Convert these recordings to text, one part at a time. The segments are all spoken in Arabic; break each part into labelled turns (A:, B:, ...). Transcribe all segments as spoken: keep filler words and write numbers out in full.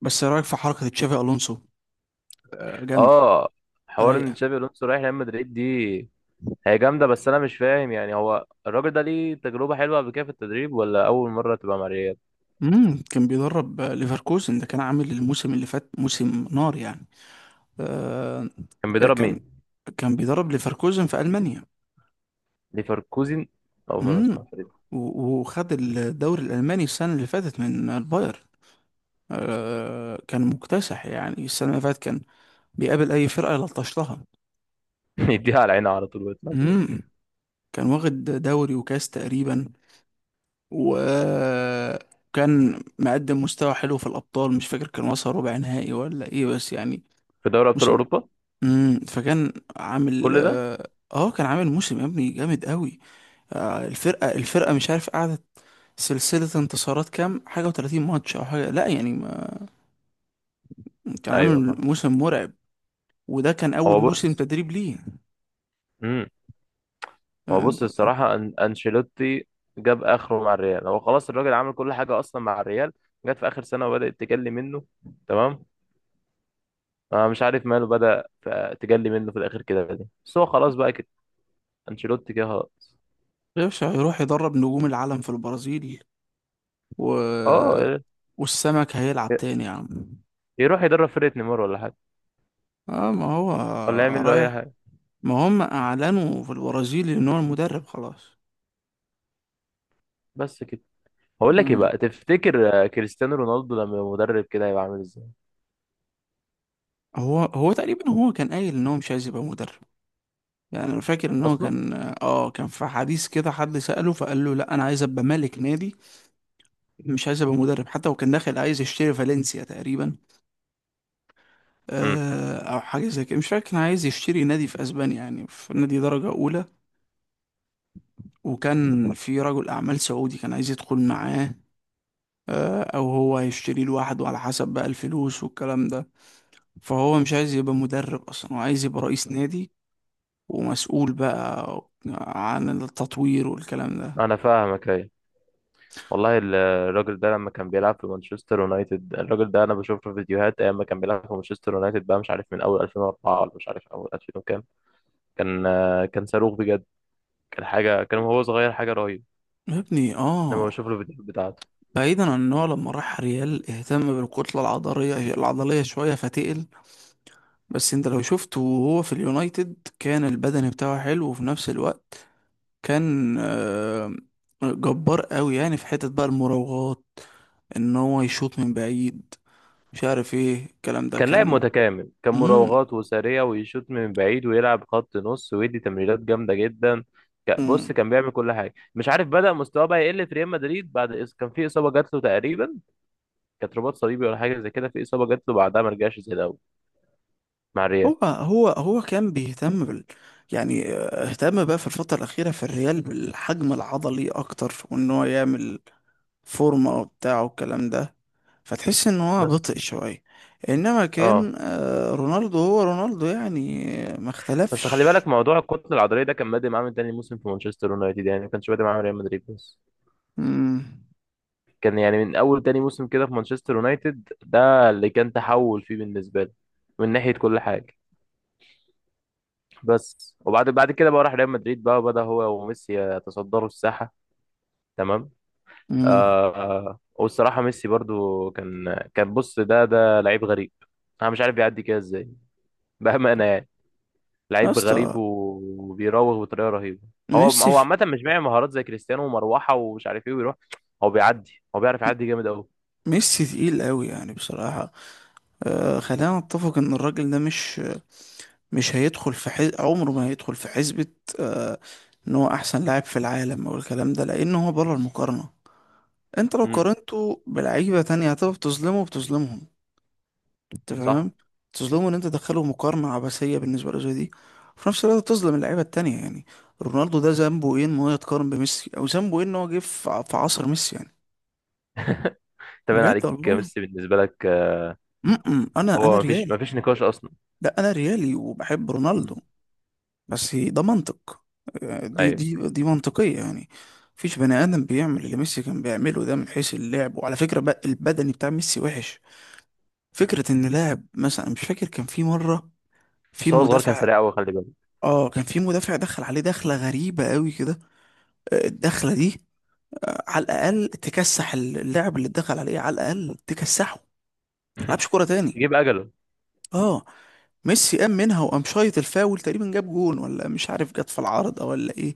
A: بس إيه رايك في حركه تشافي الونسو؟ آه، جامده.
B: اه. حوار ان
A: رايقه.
B: تشابي الونسو رايح ريال مدريد دي. هي جامده، بس انا مش فاهم، يعني هو الراجل ده ليه تجربه حلوه قبل كده في التدريب، ولا اول مره تبقى مع ريال؟
A: امم كان بيدرب آه، ليفركوزن. ده كان عامل الموسم اللي فات موسم نار يعني. آه
B: كان بيدرب
A: كان
B: مين؟
A: كان بيدرب ليفركوزن في المانيا.
B: ليفركوزن. اول مره
A: امم
B: اسمع الفريق
A: و- وخد الدوري الالماني السنه اللي فاتت من البايرن. آه كان مكتسح يعني السنه اللي فاتت كان بيقابل اي فرقه يلطش لها.
B: ده. يديها على عينها على طول ويطلع فين.
A: امم كان واخد دوري وكاس تقريبا. وكان مقدم مستوى حلو في الأبطال، مش فاكر كان وصل ربع نهائي ولا إيه بس يعني
B: في دوري ابطال
A: موسم.
B: اوروبا.
A: مم. فكان عامل
B: كل ده؟
A: آه آه، كان عامل موسم يا ابني جامد قوي. آه الفرقة الفرقة مش عارف قعدت سلسلة انتصارات كام حاجة و30 ماتش أو حاجة، لا يعني ما، كان
B: ايوه
A: عامل
B: فاهم.
A: موسم مرعب. وده كان أول
B: هو
A: موسم
B: بص
A: تدريب ليه.
B: امم هو
A: آه،
B: بص
A: ده-
B: الصراحه أن... انشيلوتي جاب اخره مع الريال، هو خلاص الراجل عمل كل حاجه اصلا مع الريال، جت في اخر سنه وبدات تجلي منه. تمام. أنا مش عارف ماله، بدأ ف- تجلي منه في الآخر كده دي، بس هو خلاص بقى كده. أنشيلوتي كده خلاص.
A: يا باشا هيروح يدرب نجوم العالم في البرازيل. و...
B: أه،
A: والسمك هيلعب تاني يا عم.
B: يروح يدرب فرقة نيمار ولا حاجة،
A: اه ما هو
B: ولا يعمل له أي
A: رايح،
B: حاجة.
A: ما هم اعلنوا في البرازيل ان هو المدرب خلاص.
B: بس كده. هقول لك إيه
A: مم.
B: بقى؟ تفتكر آه، كريستيانو رونالدو لما يبقى مدرب كده هيبقى عامل إزاي
A: هو هو تقريبا هو كان قايل ان هو مش عايز يبقى مدرب، يعني انا فاكر ان هو
B: أصلا؟
A: كان، اه كان في حديث كده حد سأله فقال له لا انا عايز ابقى مالك نادي، مش عايز ابقى مدرب. حتى هو كان داخل عايز يشتري فالنسيا تقريبا،
B: امم.
A: آه او حاجه زي كده، مش فاكر كان عايز يشتري نادي في اسبانيا، يعني في نادي درجه اولى. وكان في رجل اعمال سعودي كان عايز يدخل معاه، آه او هو هيشتري لوحده على حسب بقى الفلوس والكلام ده. فهو مش عايز يبقى مدرب اصلا، هو عايز يبقى رئيس نادي ومسؤول بقى عن التطوير والكلام ده.
B: أنا فاهمك، أيوة. والله ال- الراجل ده لما كان بيلعب في مانشستر يونايتد، الراجل ده أنا بشوف له فيديوهات أيام ما كان بيلعب في مانشستر يونايتد بقى، مش عارف من أول ألفين واربعة ولا مش عارف أول ألفين وكام. كان آه، كان صاروخ بجد، كان حاجة، كان وهو صغير حاجة رهيبة،
A: يا ابني
B: لما
A: اه.
B: بشوف له الفيديوهات بتاعته.
A: بعيدا عن ان هو لما راح ريال اهتم بالكتلة العضلية العضلية شوية فتقل. بس انت لو شفته وهو في اليونايتد كان البدن بتاعه حلو، وفي نفس الوقت كان آه، جبار قوي، يعني في حتة بقى المراوغات ان هو يشوط من بعيد، مش عارف ايه الكلام ده
B: كان لاعب
A: كان.
B: متكامل، كان
A: مم.
B: مراوغات وسريع ويشوط من بعيد ويلعب خط نص ويدي تمريرات جامده جدا. ك- بص
A: مم.
B: كان بيعمل كل حاجه، مش عارف بدأ مستواه بقى يقل في ريال مدريد، بعد إص- كان في اصابه جات له تقريبا، كانت رباط صليبي ولا حاجه زي كده. في اصابه جات له بعدها ما رجعش زي الاول مع الريال.
A: هو هو هو كان بيهتم بال... يعني آه، اهتم بقى في الفترة الأخيرة في الريال بالحجم العضلي أكتر، وإن هو يعمل فورمة وبتاع والكلام ده، فتحس إن هو
B: بس
A: بطئ شوية. إنما
B: اه،
A: كان آه، رونالدو هو رونالدو يعني، آه، ما
B: بس خلي
A: اختلفش.
B: بالك موضوع الكتله العضليه ده كان بادئ معاه من تاني موسم في مانشستر يونايتد، يعني ما كانش بادئ معاه من ريال مدريد بس،
A: مم.
B: كان يعني من اول تاني موسم كده في مانشستر يونايتد، ده اللي كان تحول فيه بالنسبه لي من ناحيه كل حاجه. بس وبعد بعد كده بقى راح ريال مدريد بقى، وبدأ هو وميسي يتصدروا الساحة. تمام.
A: مم.
B: آه آه، والصراحة ميسي برضو كان كان بص، ده ده لعيب غريب. انا مش عارف بيعدي كده ازاي؟ بأمانة يعني،
A: يا
B: لعيب غريب
A: اسطى
B: و- وبيراوغ بطريقة رهيبة. هو
A: ميسي
B: هو
A: في...
B: عامة مش معي مهارات زي كريستيانو ومروحة ومش عارف ايه ويروح. هو بيعدي، هو بيعرف يعدي جامد قوي.
A: ميسي تقيل قوي يعني بصراحة. آه خلينا نتفق إن الراجل ده مش، مش هيدخل في حز... عمره ما هيدخل في حسبة آه ان هو احسن لاعب في العالم او الكلام ده، لان هو بره المقارنة. انت لو
B: امم.
A: قارنته بلعيبة تانية هتبقى بتظلمه بتظلمهم، انت فاهم؟
B: صح.
A: بتظلمه ان انت تدخله مقارنة عبثية بالنسبة له زي دي، وفي نفس الوقت بتظلم اللعيبة التانية يعني. رونالدو ده ذنبه ايه ان هو يتقارن بميسي؟ او ذنبه ايه ان هو جه في ع- في عصر ميسي يعني؟
B: تمام
A: بجد
B: عليك يا
A: والله.
B: ميسي، بالنسبة لك آه،
A: م -م. انا انا
B: هو مفيش
A: ريالي.
B: مفيش نقاش اصلا.
A: لا انا ريالي وبحب رونالدو،
B: مم.
A: بس ده منطق. دي
B: ايوه،
A: دي دي منطقية يعني. مفيش بني آدم بيعمل اللي ميسي كان بيعمله ده من حيث اللعب. وعلى فكرة بقى البدني بتاع ميسي وحش. فكرة إن لاعب مثلا، مش فاكر كان في مرة في
B: بس هو صغير كان
A: مدافع،
B: سريع قوي، خلي بالك.
A: اه كان في مدافع دخل عليه دخلة غريبة قوي كده، آه، الدخلة دي آه، على الأقل تكسح اللاعب اللي اتدخل عليه، على الأقل تكسحه ملعبش كورة تاني.
B: يجيب اجله،
A: اه ميسي قام منها وقام شايط الفاول تقريبا، جاب جون ولا مش عارف جت في العارضة ولا ايه.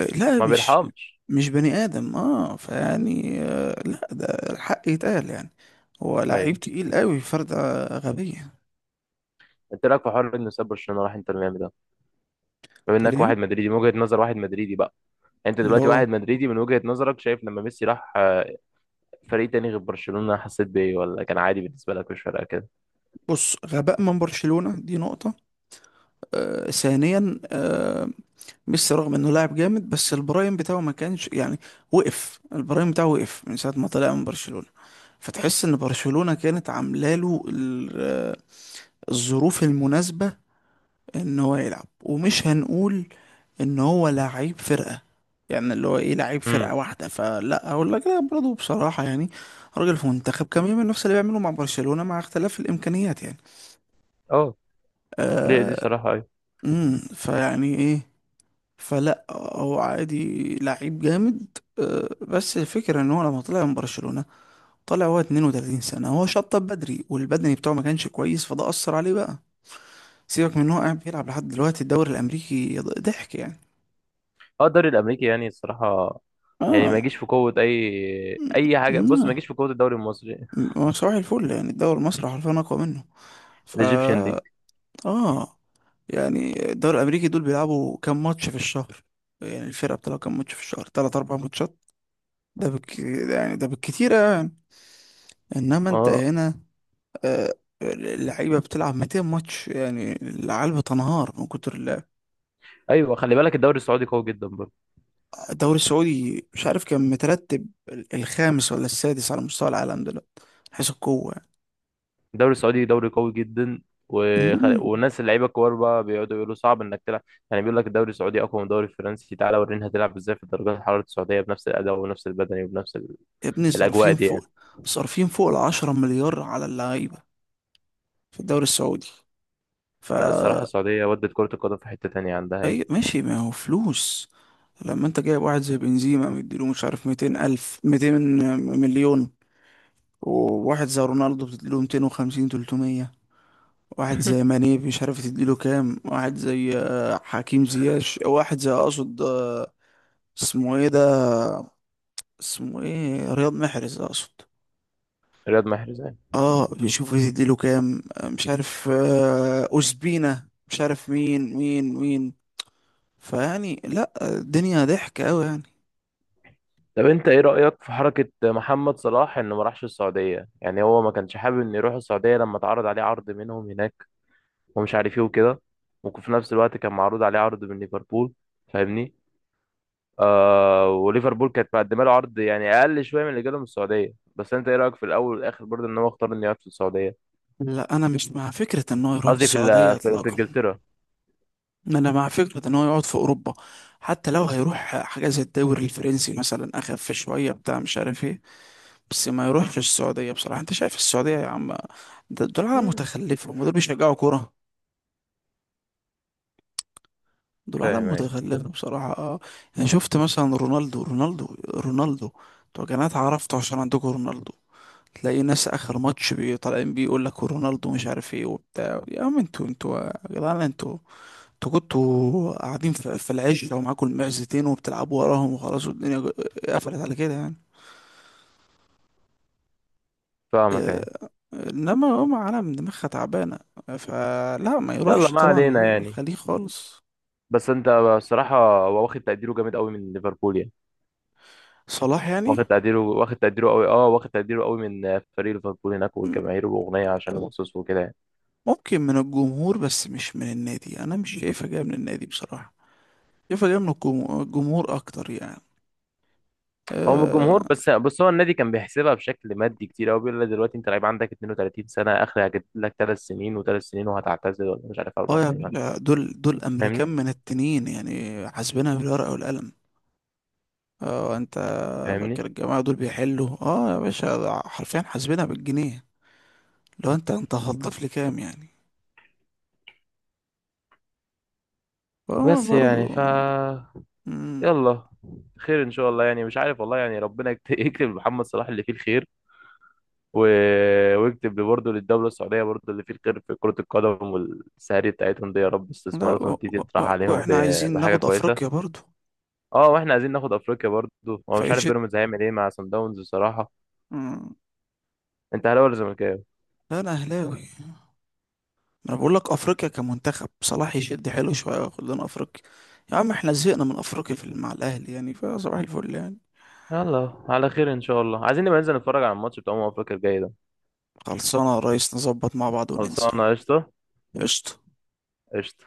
A: لا
B: ما
A: مش
B: بيرحمش.
A: مش بني آدم، اه فيعني آه لا، ده الحق يتقال يعني، هو لعيب
B: ايوه،
A: تقيل قوي فردة غبية.
B: انت رايك في حوار انه ساب برشلونه راح انتر ميامي ده؟ بما
A: تقول
B: انك
A: ايه؟
B: واحد مدريدي، من وجهه نظر واحد مدريدي بقى، انت
A: اللي
B: دلوقتي
A: هو
B: واحد مدريدي، من وجهه نظرك شايف لما ميسي راح آه، فريق تاني غير برشلونه، حسيت بايه ولا كان عادي بالنسبه لك مش فارقه كده؟
A: بص، غباء من برشلونة دي نقطة. آه ثانيا، آه ميسي رغم انه لاعب جامد بس البرايم بتاعه ما كانش يعني، وقف البرايم بتاعه وقف من ساعة ما طلع من برشلونة. فتحس ان برشلونة كانت عامله له ال- آه، الظروف المناسبة ان هو يلعب. ومش هنقول ان هو لعيب فرقة، يعني اللي هو ايه لعيب فرقة
B: امم.
A: واحدة، فلا اقول لك لا برضه بصراحة يعني. راجل في منتخب كان بيعمل نفس اللي بيعمله مع برشلونة مع اختلاف الامكانيات يعني.
B: اه، دي دي
A: آه
B: صراحه، ايوه.
A: امم فيعني ايه؟ فلا، هو عادي لعيب جامد. آه بس الفكرة ان هو لما طلع من برشلونة طلع هو 32 سنة، هو شطب بدري والبدني بتاعه ما كانش كويس، فده أثر عليه بقى. سيبك من ان هو قاعد بيلعب لحد دلوقتي الدوري الامريكي ضحك يعني.
B: اه الدوري الامريكي يعني الصراحه، يعني
A: اه.
B: ما يجيش في قوه اي اي حاجه، بص ما
A: آه.
B: يجيش في قوه الدوري المصري.
A: م- صباح الفل، يعني الدوري المصري حرفيا أقوى منه،
B: الايجيبشن ليج.
A: فا آه يعني الدوري الأمريكي دول بيلعبوا كام ماتش في الشهر؟ يعني الفرقة بتلعب كام ماتش في الشهر؟ تلات أربع ماتشات، ده بالك... يعني ده بالكتير يعني. إنما أنت
B: اه،
A: هنا آه اللعيبة بتلعب 200 ماتش، يعني العيال بتنهار من كتر اللعب.
B: ايوه خلي بالك الدوري السعودي قوي جدا برضه.
A: الدوري السعودي مش عارف كان مترتب الخامس ولا السادس على مستوى العالم دلوقتي، من حيث القوة يعني.
B: الدوري السعودي دوري قوي جدا، وخ...
A: مم.
B: والناس اللعيبه الكبار بقى بيقعدوا يقولوا صعب انك تلعب، يعني بيقول لك الدوري السعودي اقوى من الدوري الفرنسي، تعالى ورينا هتلعب ازاي في الدرجات الحراره السعوديه بنفس الاداء وبنفس البدني وبنفس ال-
A: يا ابني
B: الاجواء
A: صارفين
B: دي يعني.
A: فوق صارفين فوق العشرة مليار على اللعيبة في الدوري السعودي.
B: لا
A: فا
B: الصراحه السعوديه ودت كره القدم في حته تانية عندها يعني.
A: أي ماشي، ما هو فلوس. لما انت جايب واحد زي بنزيما مديله مش عارف ميتين ألف ميتين مليون، وواحد زي رونالدو بتديله ميتين وخمسين تلتمية، واحد زي ماني مش عارف تديله كام، واحد زي آه، حكيم زياش، واحد زي أقصد آه، اسمه ايه ده، اسمه ايه رياض محرز أقصد.
B: رياض محرز يعني.
A: اه بيشوفوا يديله كام آه، مش عارف آه، أوزبينا، مش عارف مين مين مين. فيعني لا، الدنيا ضحك قوي يعني.
B: طب انت ايه رايك في حركه محمد صلاح، انه ما راحش السعوديه؟ يعني هو ما كانش حابب انه يروح السعوديه لما اتعرض عليه عرض منهم هناك ومش عارف ايه وكده، وفي نفس الوقت كان معروض عليه عرض من ليفربول، فاهمني؟ آه، وليفربول كانت مقدمه له عرض يعني اقل شويه من اللي جاله من السعوديه، بس انت ايه رايك في الاول والاخر برضه ان هو اختار انه يقعد في السعوديه؟
A: لا انا مش مع فكرة ان هو يروح
B: قصدي في
A: السعودية
B: ال- في في
A: اطلاقا،
B: انجلترا.
A: انا مع فكره ان هو يقعد في اوروبا. حتى لو هيروح حاجه زي الدوري الفرنسي مثلا اخف شويه بتاع مش عارف ايه، بس ما يروحش السعوديه بصراحه. انت شايف السعوديه يا عم؟ ده- دول عالم
B: مم.
A: متخلفه، هم دول بيشجعوا كوره؟ دول
B: فاهم
A: عالم
B: يعني.
A: متخلفه بصراحه. انا شفت مثلا رونالدو رونالدو رونالدو. انتوا يا جماعه اتعرفتوا عشان عندكم رونالدو. تلاقي ناس اخر ماتش بي- طالعين بيقول لك رونالدو مش عارف ايه وبتاع. يا عم انتوا انتوا يا جدعان انتوا انتوا كنتوا قاعدين في في العشة ومعاكم المعزتين وبتلعبوا وراهم وخلاص والدنيا جو- قفلت على كده يعني.
B: فاهمك يعني.
A: آه، انما هم عالم دماغها تعبانة، فلا ما
B: يلا
A: يروحش
B: ما
A: طبعا
B: علينا يعني.
A: الخليج خالص.
B: بس انت الصراحه، هو واخد تقديره جامد قوي من ليفربول يعني،
A: صلاح يعني.
B: واخد تقديره، واخد تقديره قوي، اه واخد تقديره قوي من فريق ليفربول هناك والجماهير واغنيه عشان
A: م-
B: مخصوص وكده يعني.
A: ممكن من الجمهور بس مش من النادي، انا مش شايفها جاية من النادي بصراحة، شايفها جاية من الجمهور، الجمهور اكتر يعني.
B: هو من
A: اه.
B: الجمهور، بس بس هو النادي كان بيحسبها بشكل مادي كتير قوي، بيقول لك دلوقتي انت لعيب عندك اثنين وثلاثين سنه، اخر هجيب لك ثلاث سنين وثلاث سنين وهتعتزل، ولا مش عارف اربع
A: آه يا
B: سنين وهتعتزل.
A: باشا دول دول امريكان
B: فاهمني؟
A: من التنين يعني حاسبينها بالورقة والقلم. اه انت فاكر
B: فاهمني؟
A: الجماعة دول بيحلوا؟ اه يا باشا، ده حرفيا حاسبينها بالجنيه. لو انت انت هتضيف لي كام يعني؟ فهو
B: بس يعني
A: برضو.
B: ف،
A: مم.
B: يلا، خير ان شاء الله يعني، مش عارف والله يعني، ربنا يكت- يكتب لمحمد صلاح اللي فيه الخير، و... ويكتب برضه للدوله السعوديه برضه اللي فيه الخير في كره القدم، والسهري بتاعتهم دي يا رب
A: لا و...
B: استثماراتهم دي تطرح
A: و...
B: عليهم ب...
A: واحنا عايزين
B: بحاجه
A: ناخد
B: كويسه.
A: افريقيا برضو.
B: اه، واحنا عايزين ناخد افريقيا برضه. هو مش عارف
A: فيشد.
B: بيراميدز هيعمل ايه مع سان داونز بصراحه.
A: مم.
B: انت اهلاوي ولا زملكاوي؟
A: لا انا اهلاوي. ما انا بقول لك افريقيا كمنتخب صلاح يشد حلو شوية وياخد لنا افريقيا. يا عم احنا زهقنا من افريقيا في مع الاهلي يعني، فصباح الفل يعني.
B: يلا على خير ان شاء الله، عايزين نبقى ننزل نتفرج على الماتش بتاع امم افريقيا الجاي ده.
A: خلصانة يا ريس نظبط مع بعض وننزل.
B: خلصانه قشطه.
A: قشطة.
B: قشطه.